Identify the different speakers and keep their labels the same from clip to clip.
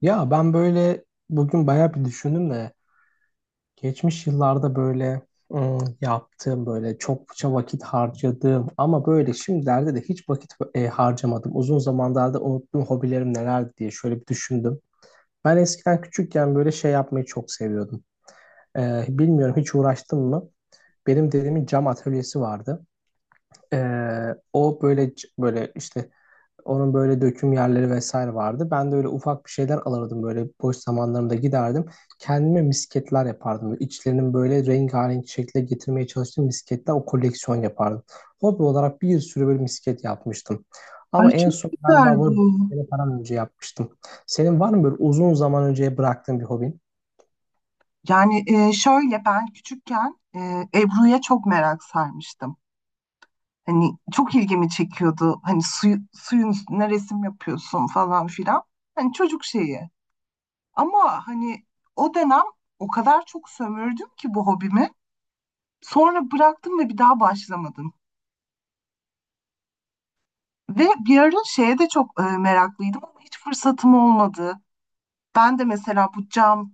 Speaker 1: Ya ben böyle bugün bayağı bir düşündüm de geçmiş yıllarda böyle yaptığım böyle çokça vakit harcadığım ama böyle şimdilerde de hiç vakit harcamadım. Uzun zamanlarda unuttuğum hobilerim nelerdi diye şöyle bir düşündüm. Ben eskiden küçükken böyle şey yapmayı çok seviyordum. Bilmiyorum hiç uğraştım mı? Benim dedemin cam atölyesi vardı. Böyle işte onun böyle döküm yerleri vesaire vardı. Ben de öyle ufak bir şeyler alırdım böyle boş zamanlarımda giderdim. Kendime misketler yapardım. İçlerinin böyle rengarenk şekle getirmeye çalıştığım misketler o koleksiyon yapardım. Hobi olarak bir sürü böyle misket yapmıştım.
Speaker 2: Ay
Speaker 1: Ama en
Speaker 2: çok
Speaker 1: son galiba
Speaker 2: güzel
Speaker 1: bunu
Speaker 2: bu.
Speaker 1: sene falan önce yapmıştım. Senin var mı böyle uzun zaman önce bıraktığın bir hobin?
Speaker 2: Şöyle ben küçükken Ebru'ya çok merak sarmıştım. Hani çok ilgimi çekiyordu. Hani suyun üstüne resim yapıyorsun falan filan. Hani çocuk şeyi. Ama hani o dönem o kadar çok sömürdüm ki bu hobimi. Sonra bıraktım ve bir daha başlamadım. Ve bir ara şeye de çok meraklıydım ama hiç fırsatım olmadı. Ben de mesela bu cam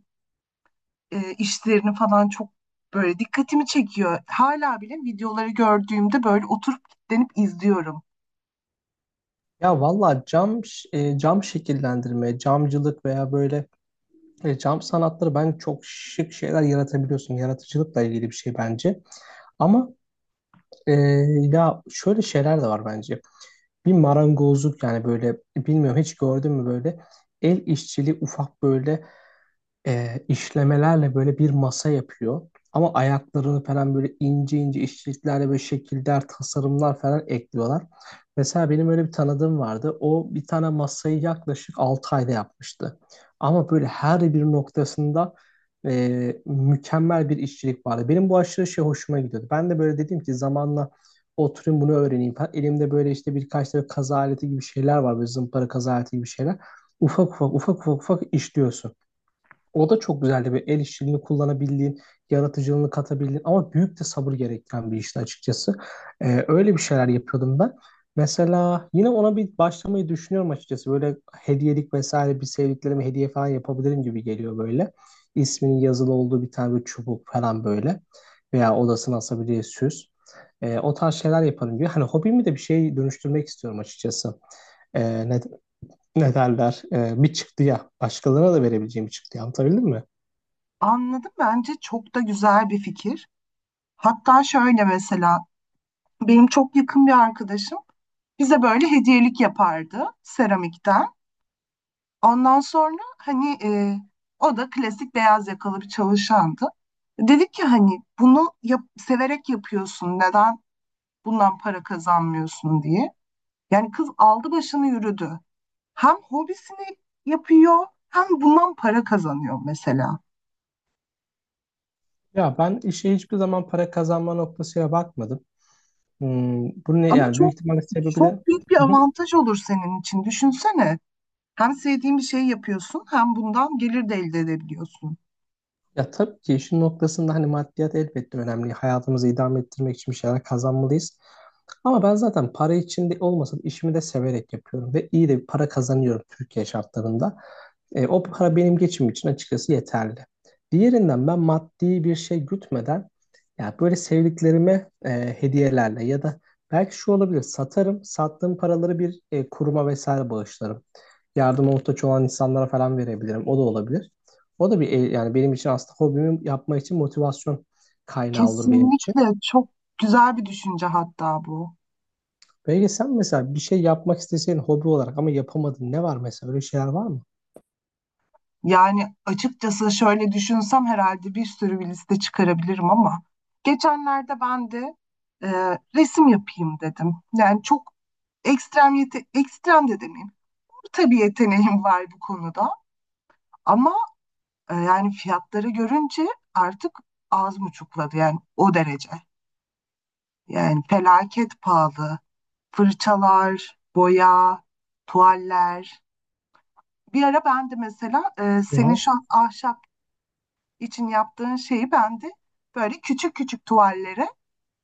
Speaker 2: e, işlerini falan çok böyle dikkatimi çekiyor. Hala bile videoları gördüğümde böyle oturup kilitlenip izliyorum.
Speaker 1: Ya valla cam şekillendirme, camcılık veya böyle cam sanatları ben çok şık şeyler yaratabiliyorsun. Yaratıcılıkla ilgili bir şey bence. Ama e, ya şöyle şeyler de var bence. Bir marangozluk yani böyle bilmiyorum hiç gördün mü böyle el işçiliği ufak böyle işlemelerle böyle bir masa yapıyor. Ama ayaklarını falan böyle ince ince işçiliklerle böyle şekiller, tasarımlar falan ekliyorlar. Mesela benim öyle bir tanıdığım vardı. O bir tane masayı yaklaşık 6 ayda yapmıştı. Ama böyle her bir noktasında mükemmel bir işçilik vardı. Benim bu aşırı şey hoşuma gidiyordu. Ben de böyle dedim ki zamanla oturayım bunu öğreneyim falan. Elimde böyle işte birkaç tane kaza aleti gibi şeyler var. Böyle zımpara kaza aleti gibi şeyler. Ufak ufak ufak ufak ufak işliyorsun. O da çok güzeldi. Bir el işçiliğini kullanabildiğin, yaratıcılığını katabildiğin ama büyük de sabır gerektiren bir işti açıkçası. Öyle bir şeyler yapıyordum ben. Mesela yine ona bir başlamayı düşünüyorum açıkçası. Böyle hediyelik vesaire bir sevdiklerime hediye falan yapabilirim gibi geliyor böyle. İsminin yazılı olduğu bir tane bir çubuk falan böyle. Veya odasına asabileceği süs. O tarz şeyler yaparım diyor. Hani hobimi de bir şey dönüştürmek istiyorum açıkçası. Ee, ne, Ne derler? Bir çıktı ya. Başkalarına da verebileceğim bir çıktı. Anlatabildim mi?
Speaker 2: Anladım, bence çok da güzel bir fikir. Hatta şöyle mesela benim çok yakın bir arkadaşım bize böyle hediyelik yapardı seramikten. Ondan sonra hani o da klasik beyaz yakalı bir çalışandı. Dedik ki hani severek yapıyorsun, neden bundan para kazanmıyorsun diye. Yani kız aldı başını yürüdü. Hem hobisini yapıyor hem bundan para kazanıyor mesela.
Speaker 1: Ya ben işe hiçbir zaman para kazanma noktasıyla bakmadım. Hmm, bu ne
Speaker 2: Ama
Speaker 1: yani büyük
Speaker 2: çok
Speaker 1: ihtimalle sebebi de
Speaker 2: çok büyük bir avantaj olur senin için. Düşünsene. Hem sevdiğin bir şey yapıyorsun hem bundan gelir de elde edebiliyorsun.
Speaker 1: ya tabii ki işin noktasında hani maddiyat elbette önemli. Hayatımızı idame ettirmek için bir şeyler kazanmalıyız. Ama ben zaten para için de olmasa da işimi de severek yapıyorum ve iyi de bir para kazanıyorum Türkiye şartlarında. E, o para benim geçimim için açıkçası yeterli. Diğerinden ben maddi bir şey gütmeden ya böyle sevdiklerime hediyelerle ya da belki şu olabilir satarım, sattığım paraları bir kuruma vesaire bağışlarım yardıma muhtaç olan insanlara falan verebilirim. O da olabilir. O da bir el- Yani benim için aslında hobimi yapmak için motivasyon kaynağı olur benim için.
Speaker 2: Kesinlikle çok güzel bir düşünce hatta bu.
Speaker 1: Peki sen mesela bir şey yapmak isteseydin hobi olarak ama yapamadın ne var mesela öyle şeyler var mı?
Speaker 2: Yani açıkçası şöyle düşünsem herhalde bir sürü bir liste çıkarabilirim ama geçenlerde ben de e, resim yapayım dedim. Yani çok ekstrem de demeyeyim. Tabii yeteneğim var bu konuda. Ama yani fiyatları görünce artık ağzım uçukladı yani o derece. Yani felaket pahalı. Fırçalar, boya, tuvaller. Bir ara ben de mesela
Speaker 1: Hı
Speaker 2: senin
Speaker 1: hı.
Speaker 2: şu an ahşap için yaptığın şeyi ben de böyle küçük küçük tuvallere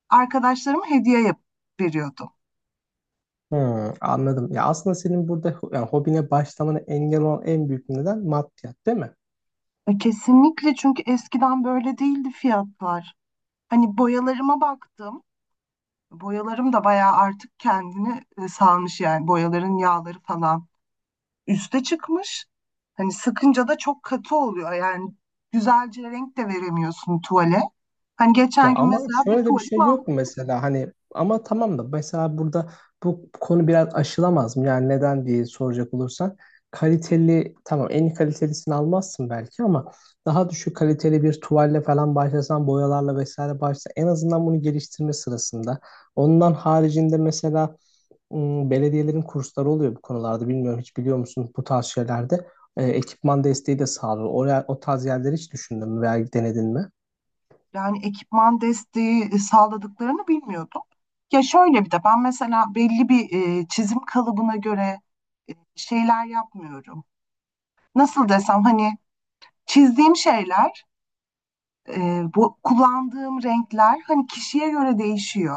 Speaker 2: arkadaşlarıma hediye yap veriyordum.
Speaker 1: Hmm, anladım. Ya aslında senin burada yani hobine başlamana engel olan en büyük neden maddiyat değil mi?
Speaker 2: Kesinlikle, çünkü eskiden böyle değildi fiyatlar. Hani boyalarıma baktım. Boyalarım da bayağı artık kendini salmış, yani boyaların yağları falan üste çıkmış. Hani sıkınca da çok katı oluyor, yani güzelce renk de veremiyorsun tuvale. Hani
Speaker 1: Ya
Speaker 2: geçen gün
Speaker 1: ama
Speaker 2: mesela bir
Speaker 1: şöyle de bir
Speaker 2: tuvali
Speaker 1: şey yok mu
Speaker 2: mahvettim.
Speaker 1: mesela hani ama tamam da mesela burada bu konu biraz aşılamaz mı? Yani neden diye soracak olursan kaliteli tamam en iyi kalitelisini almazsın belki ama daha düşük kaliteli bir tuvalle falan başlasan boyalarla vesaire başlasan en azından bunu geliştirme sırasında. Ondan haricinde mesela belediyelerin kursları oluyor bu konularda bilmiyorum hiç biliyor musun bu tarz şeylerde. Ekipman desteği de sağlıyor. Oraya, o tarz yerleri hiç düşündün mü veya denedin mi?
Speaker 2: Yani ekipman desteği sağladıklarını bilmiyordum. Ya şöyle bir de ben mesela belli bir çizim kalıbına göre şeyler yapmıyorum. Nasıl desem, hani çizdiğim şeyler. Bu kullandığım renkler hani kişiye göre değişiyor.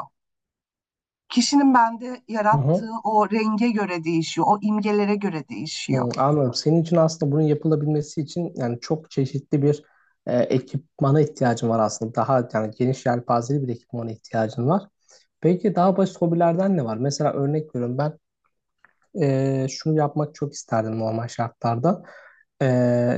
Speaker 2: Kişinin bende
Speaker 1: Hı hı.
Speaker 2: yarattığı o renge göre değişiyor, o imgelere göre değişiyor.
Speaker 1: Hı, anladım. Senin için aslında bunun yapılabilmesi için yani çok çeşitli bir ekipmana ihtiyacın var aslında. Daha yani geniş yelpazeli bir ekipmana ihtiyacın var. Peki daha basit hobilerden ne var? Mesela örnek veriyorum ben şunu yapmak çok isterdim normal şartlarda. E,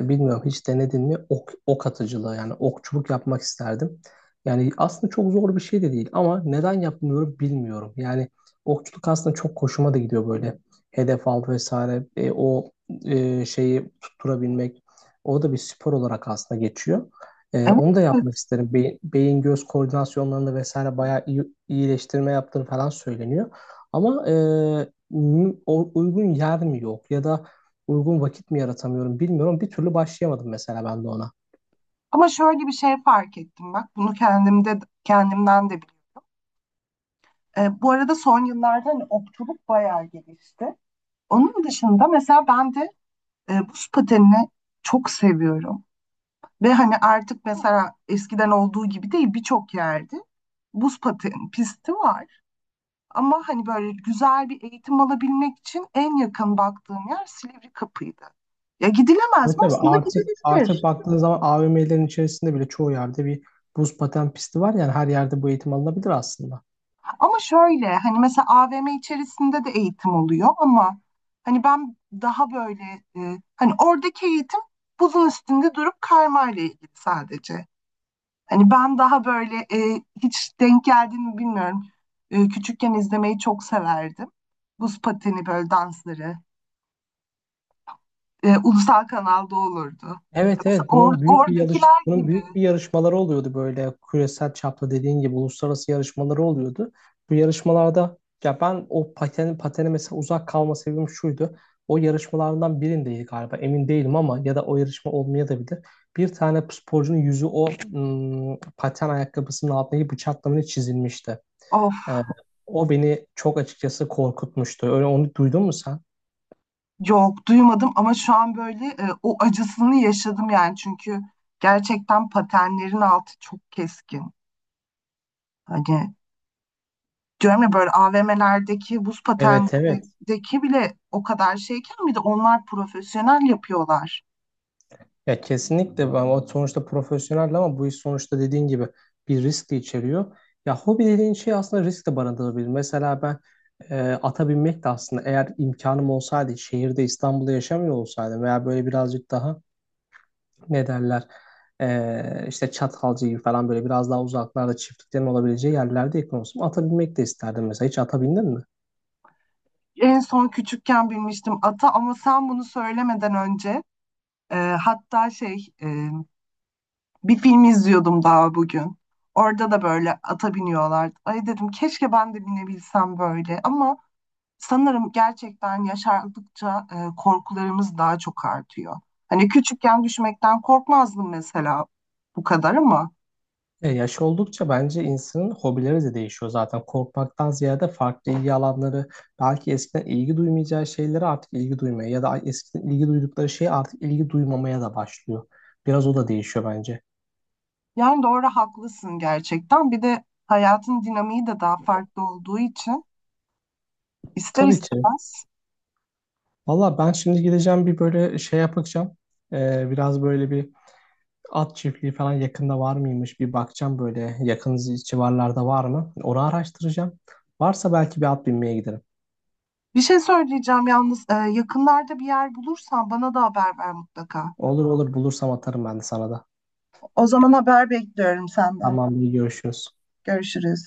Speaker 1: Bilmiyorum hiç denedin mi ok atıcılığı yani okçuluk yapmak isterdim. Yani aslında çok zor bir şey de değil ama neden yapmıyorum bilmiyorum. Yani okçuluk aslında çok hoşuma da gidiyor böyle. Hedef al vesaire şeyi tutturabilmek. O da bir spor olarak aslında geçiyor. E,
Speaker 2: Evet,
Speaker 1: onu da
Speaker 2: evet.
Speaker 1: yapmak isterim. Beyin göz koordinasyonlarında vesaire bayağı iyileştirme yaptığını falan söyleniyor. Ama uygun yer mi yok ya da uygun vakit mi yaratamıyorum bilmiyorum. Bir türlü başlayamadım mesela ben de ona.
Speaker 2: Ama şöyle bir şey fark ettim bak, bunu kendimden de biliyorum. Bu arada son yıllarda hani okçuluk bayağı gelişti. Onun dışında mesela ben de buz patenini çok seviyorum. Ve hani artık mesela eskiden olduğu gibi değil, birçok yerde buz paten pisti var. Ama hani böyle güzel bir eğitim alabilmek için en yakın baktığım yer Silivri Kapı'ydı. Ya gidilemez
Speaker 1: Evet
Speaker 2: mi?
Speaker 1: tabii
Speaker 2: Aslında
Speaker 1: artık
Speaker 2: gidilebilir.
Speaker 1: baktığın zaman AVM'lerin içerisinde bile çoğu yerde bir buz paten pisti var yani her yerde bu eğitim alınabilir aslında.
Speaker 2: Ama şöyle hani mesela AVM içerisinde de eğitim oluyor ama hani ben daha böyle hani oradaki eğitim buzun üstünde durup kaymayla ilgili sadece. Hani ben daha böyle hiç denk geldiğini mi bilmiyorum. Küçükken izlemeyi çok severdim. Buz pateni böyle dansları. Ulusal kanalda olurdu.
Speaker 1: Evet
Speaker 2: Mesela
Speaker 1: evet,
Speaker 2: oradakiler
Speaker 1: bunun
Speaker 2: gibi.
Speaker 1: büyük bir yarışmaları oluyordu böyle küresel çapta dediğin gibi uluslararası yarışmaları oluyordu. Bu yarışmalarda ya ben o patene mesela uzak kalma sebebim şuydu. O yarışmalardan birindeydi galiba emin değilim ama ya da o yarışma olmaya da bilir. Bir tane sporcunun yüzü o paten ayakkabısının altındaki bıçaklamaya çizilmişti.
Speaker 2: Of,
Speaker 1: Ee, O beni çok açıkçası korkutmuştu. Öyle onu duydun mu sen?
Speaker 2: yok duymadım, ama şu an böyle o acısını yaşadım yani. Çünkü gerçekten patenlerin altı çok keskin. Hani diyorum ya, böyle AVM'lerdeki buz
Speaker 1: Evet, evet.
Speaker 2: patenindeki bile o kadar şeyken, bir de onlar profesyonel yapıyorlar.
Speaker 1: Ya kesinlikle ama sonuçta profesyonel ama bu iş sonuçta dediğin gibi bir risk de içeriyor. Ya hobi dediğin şey aslında risk de barındırabilir. Mesela ben ata binmek de aslında eğer imkanım olsaydı şehirde İstanbul'da yaşamıyor olsaydım veya böyle birazcık daha ne derler işte Çatalca gibi falan böyle biraz daha uzaklarda çiftliklerin olabileceği yerlerde yakın olsam ata binmek de isterdim mesela. Hiç ata bindin mi?
Speaker 2: En son küçükken bilmiştim ata, ama sen bunu söylemeden önce e, hatta şey e, bir film izliyordum daha bugün. Orada da böyle ata biniyorlardı. Ay dedim keşke ben de binebilsem böyle, ama sanırım gerçekten yaşardıkça korkularımız daha çok artıyor. Hani küçükken düşmekten korkmazdım mesela bu kadar, ama
Speaker 1: Ya yaş oldukça bence insanın hobileri de değişiyor zaten. Korkmaktan ziyade farklı ilgi alanları, belki eskiden ilgi duymayacağı şeylere artık ilgi duymaya ya da eskiden ilgi duydukları şeye artık ilgi duymamaya da başlıyor. Biraz o da değişiyor bence.
Speaker 2: yani doğru, haklısın gerçekten. Bir de hayatın dinamiği de daha farklı olduğu için ister
Speaker 1: Tabii ki.
Speaker 2: istemez.
Speaker 1: Valla ben şimdi gideceğim bir böyle şey yapacağım. Biraz böyle bir at çiftliği falan yakında var mıymış bir bakacağım böyle yakın civarlarda var mı? Onu araştıracağım. Varsa belki bir at binmeye giderim.
Speaker 2: Bir şey söyleyeceğim yalnız, yakınlarda bir yer bulursan bana da haber ver mutlaka.
Speaker 1: Olur, olur, bulursam atarım ben de sana da.
Speaker 2: O zaman haber bekliyorum senden.
Speaker 1: Tamam, iyi görüşürüz.
Speaker 2: Görüşürüz.